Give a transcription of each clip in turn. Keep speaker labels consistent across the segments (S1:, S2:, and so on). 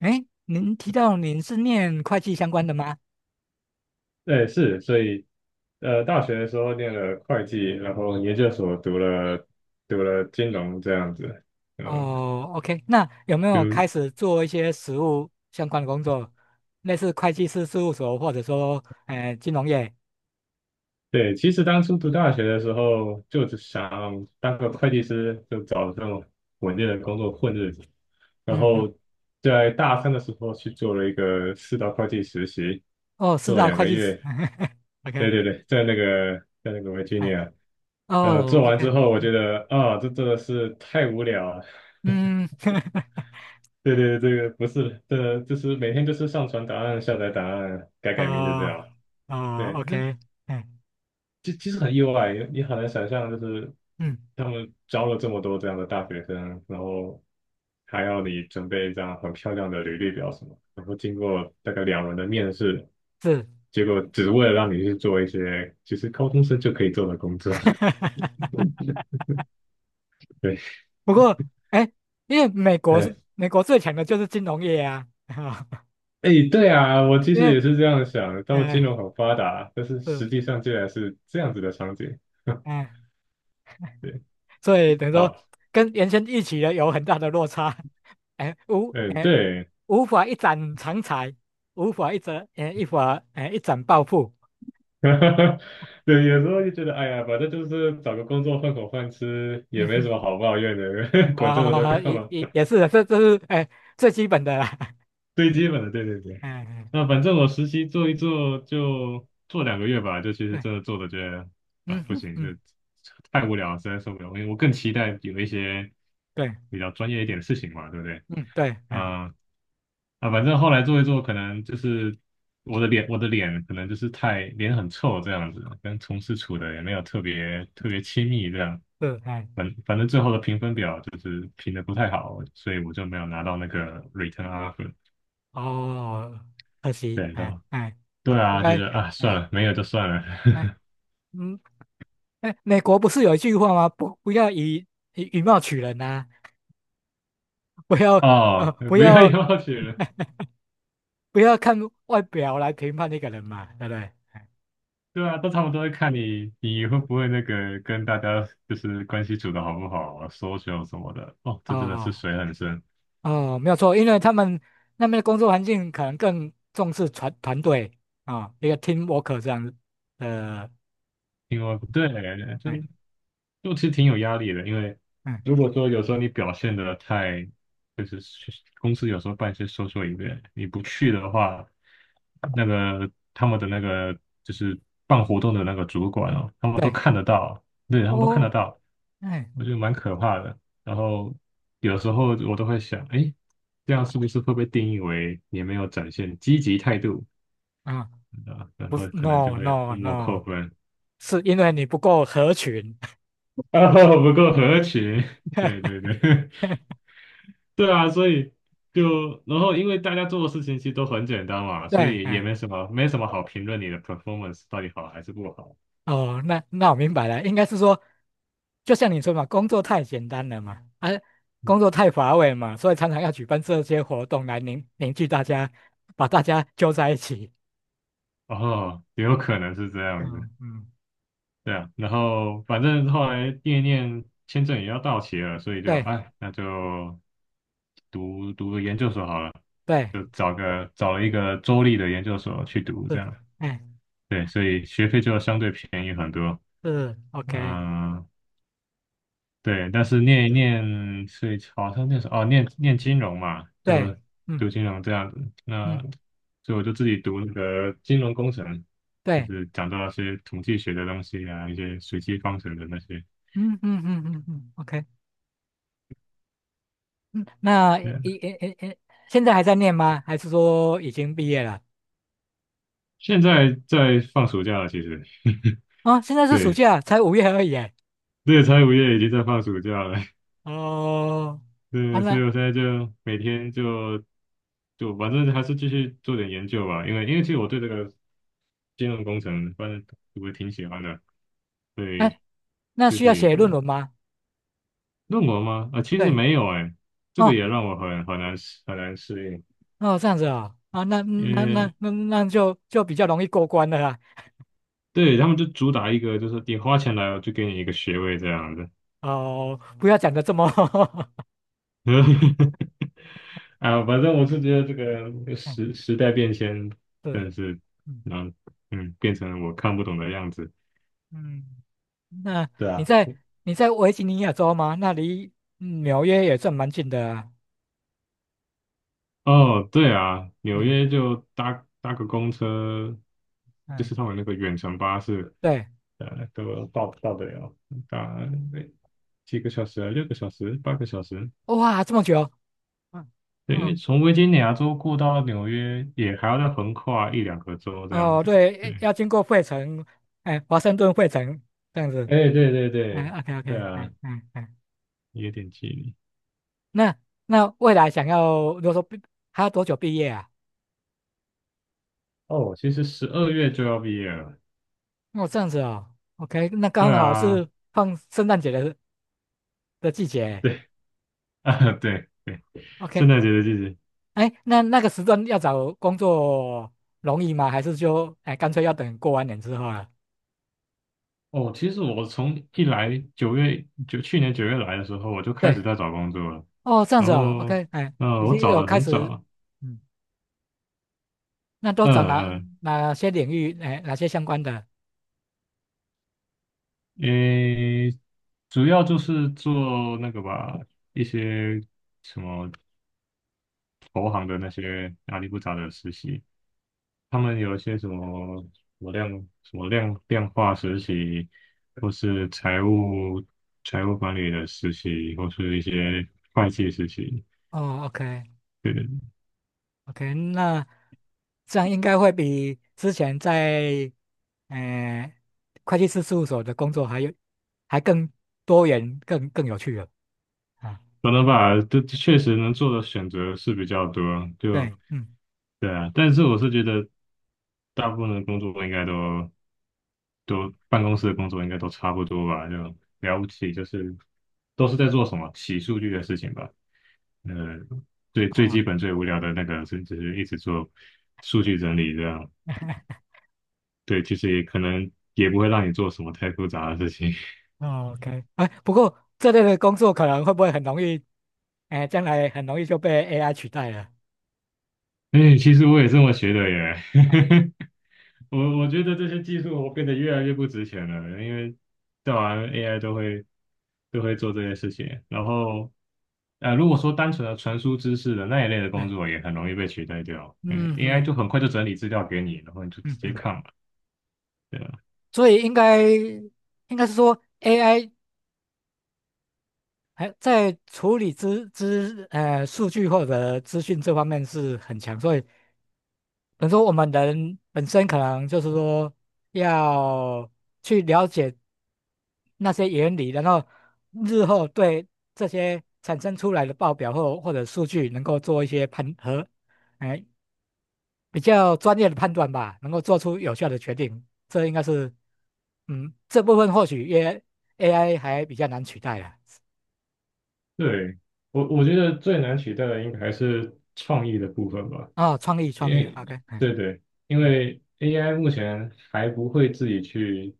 S1: 哎，您提到您是念会计相关的吗？
S2: 对，是，所以，大学的时候念了会计，然后研究所读了金融这样子，呃，
S1: 哦，OK，那有没
S2: 就
S1: 有开始做一些实务相关的工作，类似会计师事务所或者说金融业？
S2: 对，其实当初读大学的时候，就是想当个会计师，就找这种稳定的工作混日子，然
S1: 嗯嗯，
S2: 后在大三的时候去做了一个四大会计实习，
S1: 哦，是
S2: 做了
S1: 啊，
S2: 两
S1: 会
S2: 个
S1: 计师
S2: 月，对
S1: ，OK，
S2: 对对，在那个维吉尼
S1: 哎，
S2: 亚，
S1: 哦
S2: 做完
S1: ，OK，
S2: 之后，我觉
S1: 嗯
S2: 得啊，这真的是太无聊了。
S1: 嗯，
S2: 对对，对，这个不是的，这就是每天就是上传答案、下载答案、改名就这
S1: 哦
S2: 样。
S1: 哦
S2: 对，这
S1: ，OK，嗯
S2: 这其实很意外，你很难想象，就是
S1: 嗯，
S2: 他们招了这么多这样的大学生，然后还要你准备一张很漂亮的履历表什么，然后经过大概两轮的面试，
S1: 是，
S2: 结果只是为了让你去做一些其实高中生就可以做的工作。对，
S1: 不过哎，因为美国是
S2: 哎
S1: 美国最强的就是金融业啊，
S2: 哎，对啊，我其
S1: 因
S2: 实
S1: 为
S2: 也是这样想，他们金
S1: 哎，
S2: 融很发达，但是实际
S1: 是，
S2: 上竟然是这样子的场景。
S1: 哎。
S2: 对，
S1: 所以等于说
S2: 好，
S1: 跟原先一起的有很大的落差，哎，
S2: 嗯，对，
S1: 无法一展长才，无法一折哎一法哎一展抱负，
S2: 对，有时候就觉得，哎呀，反正就是找个工作混口饭吃，也
S1: 嗯
S2: 没什
S1: 哼，
S2: 么好抱怨的，管这么多
S1: 啊
S2: 干
S1: 也
S2: 嘛？
S1: 也也是的，这是哎最基本的啦，
S2: 最基本的，对对对。
S1: 哎
S2: 那反正我实习做一做就做两个月吧，就其实
S1: 对，
S2: 真的做的觉得啊
S1: 嗯
S2: 不
S1: 哼
S2: 行，这
S1: 嗯
S2: 太无聊了实在受不了。因为我更期待有一些
S1: 对
S2: 比较专业一点的事情嘛，对不对？
S1: 嗯对哎
S2: 啊、反正后来做一做，可能就是我的脸，我的脸可能就是脸很臭这样子，跟同事处的也没有特别特别亲密这样。
S1: 是哎
S2: 反正最后的评分表就是评的不太好，所以我就没有拿到那个 return offer。
S1: 哦可惜
S2: 对然
S1: 哎
S2: 后
S1: 哎
S2: 对
S1: 应
S2: 啊，就
S1: 该
S2: 是啊，算
S1: 哎
S2: 了，没有就算了。
S1: 哎嗯哎美国不是有一句话吗？不要以貌取人呐、不 要。呃，
S2: 哦，
S1: 不
S2: 不要
S1: 要
S2: 要求了。
S1: 不要看外表来评判一个人嘛，对不对？哎
S2: 对啊，都差不多看你会不会那个跟大家就是关系处的好不好啊，social 什么的。哦，这真的是
S1: 哦
S2: 水很深。
S1: 哦，没有错，因为他们那边的工作环境可能更重视团队啊，一个 team work 这样子的，
S2: 因为对，就
S1: 嗯
S2: 就其实挺有压力的，因为
S1: 嗯，
S2: 如果说有时候你表现的太，就是公司有时候办事说说一遍，你不去的话，那个他们的那个就是办活动的那个主管哦，他们都
S1: 对，
S2: 看得到，对，他们都看
S1: 哦，
S2: 得到，
S1: 哎
S2: 我觉得蛮可怕的。然后有时候我都会想，哎，这样是不是会被定义为你没有展现积极态度
S1: 啊，
S2: 啊？然
S1: 不
S2: 后可能就
S1: ，no
S2: 会
S1: no
S2: 默默
S1: no,
S2: 扣分，
S1: 是因为你不够合群，
S2: 啊，不够合群，对对 对。对啊，所以然后因为大家做的事情其实都很简单嘛，所
S1: 对，
S2: 以也
S1: 哎
S2: 没什么好评论你的 performance 到底好还是不好。
S1: 哦，那我明白了，应该是说，就像你说嘛，工作太简单了嘛，啊，工作太乏味嘛，所以常常要举办这些活动来凝聚大家，把大家揪在一起。
S2: 哦，也有可能是这样子，
S1: 嗯嗯，
S2: 对啊。然后反正后来念一念签证也要到期了，所以就
S1: 对
S2: 哎，那就读个研究所好了，
S1: 对，
S2: 就找了一个州立的研究所去读这
S1: 是，
S2: 样。
S1: 哎，
S2: 对，所以学费就相对便宜很多。
S1: 是，OK,
S2: 嗯、对，但是念一念是好像念什哦，念金融嘛，
S1: 对，
S2: 就读
S1: 嗯
S2: 金融这样子。那
S1: 嗯，
S2: 所以我就自己读那个金融工程，就
S1: 对，
S2: 是讲到一些统计学的东西啊，一些随机方程的那些。
S1: 嗯嗯嗯嗯嗯，OK,嗯，那
S2: 对啊，
S1: 一诶诶诶，现在还在念吗？还是说已经毕业了？
S2: 现在在放暑假了，其实
S1: 啊、现在是暑
S2: 对，
S1: 假，才5月而已耶。
S2: 这个财务业已经在放暑假了。
S1: 哦，啊
S2: 对，所
S1: 那。
S2: 以我现在就每天就反正还是继续做点研究吧，因为其实我对这个金融工程反正我挺喜欢的，所以
S1: 哎那
S2: 就
S1: 需
S2: 自
S1: 要
S2: 己
S1: 写
S2: 读
S1: 论文吗？
S2: 论文吗？其实
S1: 对，
S2: 没有哎、这个
S1: 哦
S2: 也让我很难适
S1: 哦，这样子啊、啊，那
S2: 应，因
S1: 那那
S2: 为
S1: 那那就比较容易过关了啦。
S2: 对他们就主打一个就是你花钱来，我就给你一个学位这样，
S1: 哦，不要讲的这么
S2: 嗯 啊，反正我是觉得这个
S1: 嗯，
S2: 时代变迁
S1: 是，
S2: 真的是，
S1: 嗯
S2: 嗯变成了我看不懂的样子。
S1: 嗯，那
S2: 对
S1: 你
S2: 啊，
S1: 在你在维吉尼亚州吗？那离纽约也算蛮近的啊
S2: 哦，对啊，纽
S1: 嗯
S2: 约就搭个公车，就
S1: 嗯，
S2: 是他们那个远程巴士，
S1: 对，
S2: 都到得了，搭诶几个小时啊，六个小时，八个小时。
S1: 哇，这么久，嗯
S2: 对，因为
S1: 哦
S2: 从维吉尼亚州过到纽约，也还要再横跨一两个州这样
S1: 哦，
S2: 子。对，
S1: 对，要经过费城，哎，华盛顿费城这样子，
S2: 哎，对对
S1: 哎
S2: 对，
S1: ，OK OK,
S2: 对啊，
S1: 哎哎哎。
S2: 有点距离。
S1: 那那未来想要，如果说毕还要多久毕业啊？
S2: 哦，其实十二月就要毕业了。
S1: 哦这样子哦，OK,那
S2: 对
S1: 刚好
S2: 啊，
S1: 是放圣诞节的季节
S2: 对 啊，对对，圣诞
S1: ，OK,
S2: 节的季节。
S1: 哎，那个时段要找工作容易吗？还是说哎干脆要等过完年之后了？
S2: 哦，其实我从一来九月九去年九月来的时候，我就开
S1: 对，
S2: 始在找工作了。
S1: 哦，这样
S2: 然
S1: 子哦
S2: 后，
S1: ，OK,哎，已
S2: 我
S1: 经
S2: 找
S1: 有
S2: 的
S1: 开
S2: 很
S1: 始，
S2: 早，
S1: 嗯，那都找哪
S2: 嗯
S1: 哪些领域，哎，哪些相关的？
S2: 嗯，诶，主要就是做那个吧，一些什么投行的那些阿里不达的实习，他们有一些什么量化实习，或是财务管理的实习，或是一些会计实习。
S1: 哦，OK。
S2: 对，
S1: OK,那这样应该会比之前在呃会计师事务所的工作还更多元、更有趣了啊。
S2: 可能吧，这确实能做的选择是比较多，
S1: 对，
S2: 就
S1: 嗯，
S2: 对啊。但是我是觉得，大部分的工作应该都办公室的工作应该都差不多吧，就了不起就是都是在做什么洗数据的事情吧。呃，最
S1: 哦
S2: 基本最无聊的那个是，甚至是一直做数据整理这样。对，其实也可能也不会让你做什么太复杂的事情。
S1: 哦，OK,哎，不过这类的工作可能会不会很容易，哎，将来很容易就被 AI 取代了？
S2: 哎，其实我也这么学的耶。我觉得这些技术我变得越来越不值钱了，因为造完 AI 都会做这些事情。然后，如果说单纯的传输知识的那一类的
S1: 对，
S2: 工作，也很容易被取代掉。嗯
S1: 嗯嗯
S2: ，AI 就很快就整理资料给你，然后你就直
S1: 嗯
S2: 接
S1: 嗯，
S2: 看了，对啊
S1: 所以应该是说 AI 还在处理资资呃数据或者资讯这方面是很强，所以。等于说我们人本身可能就是说要去了解那些原理，然后日后对这些产生出来的报表或者数据能够做一些判和，哎，比较专业的判断吧，能够做出有效的决定。这应该是，嗯，这部分或许也 AI 还比较难取代了。
S2: 对，我觉得最难取代的应该还是创意的部分吧，
S1: 哦，创意
S2: 因
S1: 创意
S2: 为
S1: ，OK,嗯
S2: 对对，因
S1: 嗯，
S2: 为 AI 目前还不会自己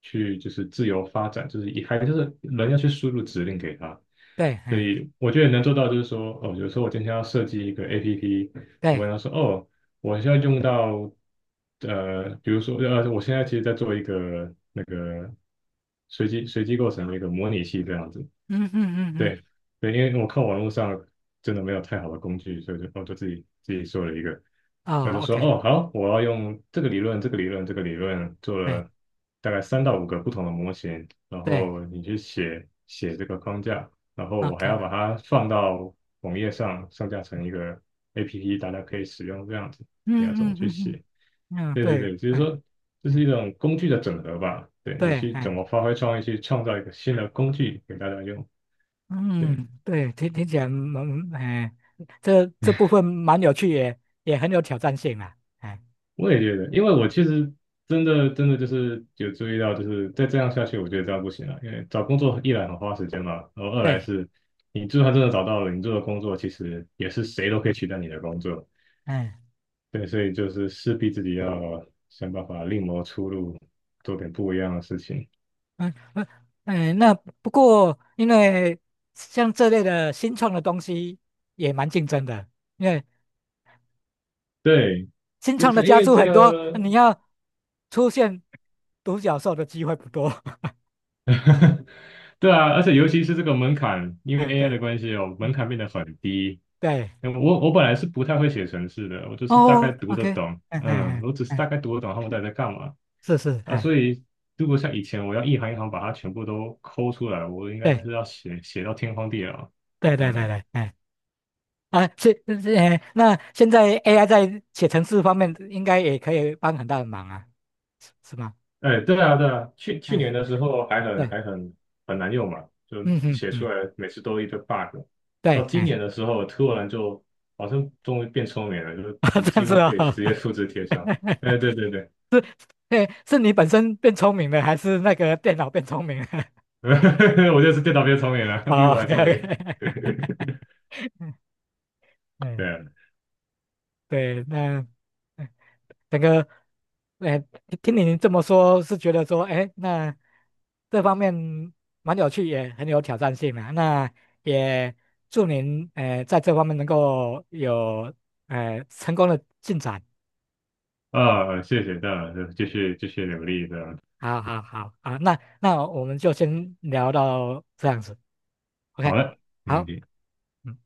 S2: 去就是自由发展，就是以还就是人要去输入指令给它，
S1: 对，
S2: 所
S1: 嗯
S2: 以我觉得能做到就是说，哦，比如说我今天要设计一个 APP，我
S1: 对，
S2: 跟他说，哦，我现在用到比如说我现在其实在做一个那个随机构成的一个模拟器这样子。
S1: 嗯嗯嗯嗯，
S2: 对对，因为我看网络上真的没有太好的工具，所以我就自己做了一个，我就
S1: 哦
S2: 说
S1: ，OK,
S2: 哦好，我要用这个理论、这个理论、这个理论做了
S1: 对
S2: 大概三到五个不同的模型，然后
S1: 对
S2: 你去写写这个框架，然后我还
S1: ，OK。
S2: 要把它放到网页上架成一个 APP，大家可以使用这样子，你要怎
S1: 嗯
S2: 么
S1: 嗯
S2: 去
S1: 嗯
S2: 写？
S1: 嗯，嗯，
S2: 对对
S1: 对，
S2: 对，就是
S1: 哎，
S2: 说这是一
S1: 哎，
S2: 种工具的整合吧，对你
S1: 对，
S2: 去怎
S1: 哎，
S2: 么发挥创意，去创造一个新的工具给大家用。对。
S1: 嗯，对，听起来蛮，哎，这部分蛮有趣，也很有挑战性啦，哎，
S2: 我也觉得，因为我其实真的真的就是有注意到，就是再这样下去，我觉得这样不行了。因为找工作一来很花时间嘛，然后二来
S1: 对，
S2: 是，你就算真的找到了，你做的工作其实也是谁都可以取代你的工作。
S1: 哎，
S2: 对，所以就是势必自己要想办法另谋出路，做点不一样的事情。
S1: 嗯嗯，哎，那不过因为像这类的新创的东西也蛮竞争的，因为
S2: 对，
S1: 新
S2: 就
S1: 创的
S2: 是因
S1: 家
S2: 为
S1: 族
S2: 这
S1: 很多，
S2: 个
S1: 你要出现独角兽的机会不多，
S2: 对啊，而且尤其是这个门槛，因为
S1: 嗯，
S2: AI 的
S1: 对，
S2: 关系哦，门
S1: 嗯
S2: 槛
S1: 嗯，
S2: 变得很低。
S1: 对，
S2: 嗯我本来是不太会写程式的，我就是大概
S1: 哦
S2: 读得
S1: ，OK,
S2: 懂，
S1: 嗯嗯嗯
S2: 我只是大
S1: 嗯，
S2: 概读得懂他们到底在干嘛。
S1: 是是，
S2: 啊，
S1: 哎。
S2: 所以如果像以前我要一行一行把它全部都抠出来，我应该
S1: 对。
S2: 是要写到天荒地老。
S1: 对对对
S2: 嗯，
S1: 对，哎啊，是是哎，那现在 AI 在写程式方面应该也可以帮很大的忙啊，是吗？
S2: 哎，对啊，对啊，去
S1: 嗯，
S2: 年的时候还很
S1: 对，
S2: 还很很难用嘛，就
S1: 嗯嗯
S2: 写出
S1: 嗯，
S2: 来每次都一堆 bug。
S1: 对，
S2: 到今
S1: 哎，
S2: 年的时候，突然就好像终于变聪明了，就是
S1: 啊，
S2: 你
S1: 这样
S2: 几
S1: 子
S2: 乎可
S1: 哦，
S2: 以直接复制贴上。哎，对对对，
S1: 哎，是你本身变聪明了，还是那个电脑变聪明了？
S2: 我就是电脑变聪明了，比
S1: 哦
S2: 我还
S1: ，OK
S2: 聪
S1: OK,
S2: 明。对
S1: 嗯，对，那。整个，哎，听你这么说，是觉得说，哎，那这方面蛮有趣，也很有挑战性啊。那也祝您，哎，在这方面能够有，哎，成功的进展。
S2: 啊，啊，谢谢，当然就是继续努力的。
S1: 好好好啊，那我们就先聊到这样子
S2: 好
S1: ，OK,
S2: 了，没问
S1: 好。
S2: 题。
S1: 嗯。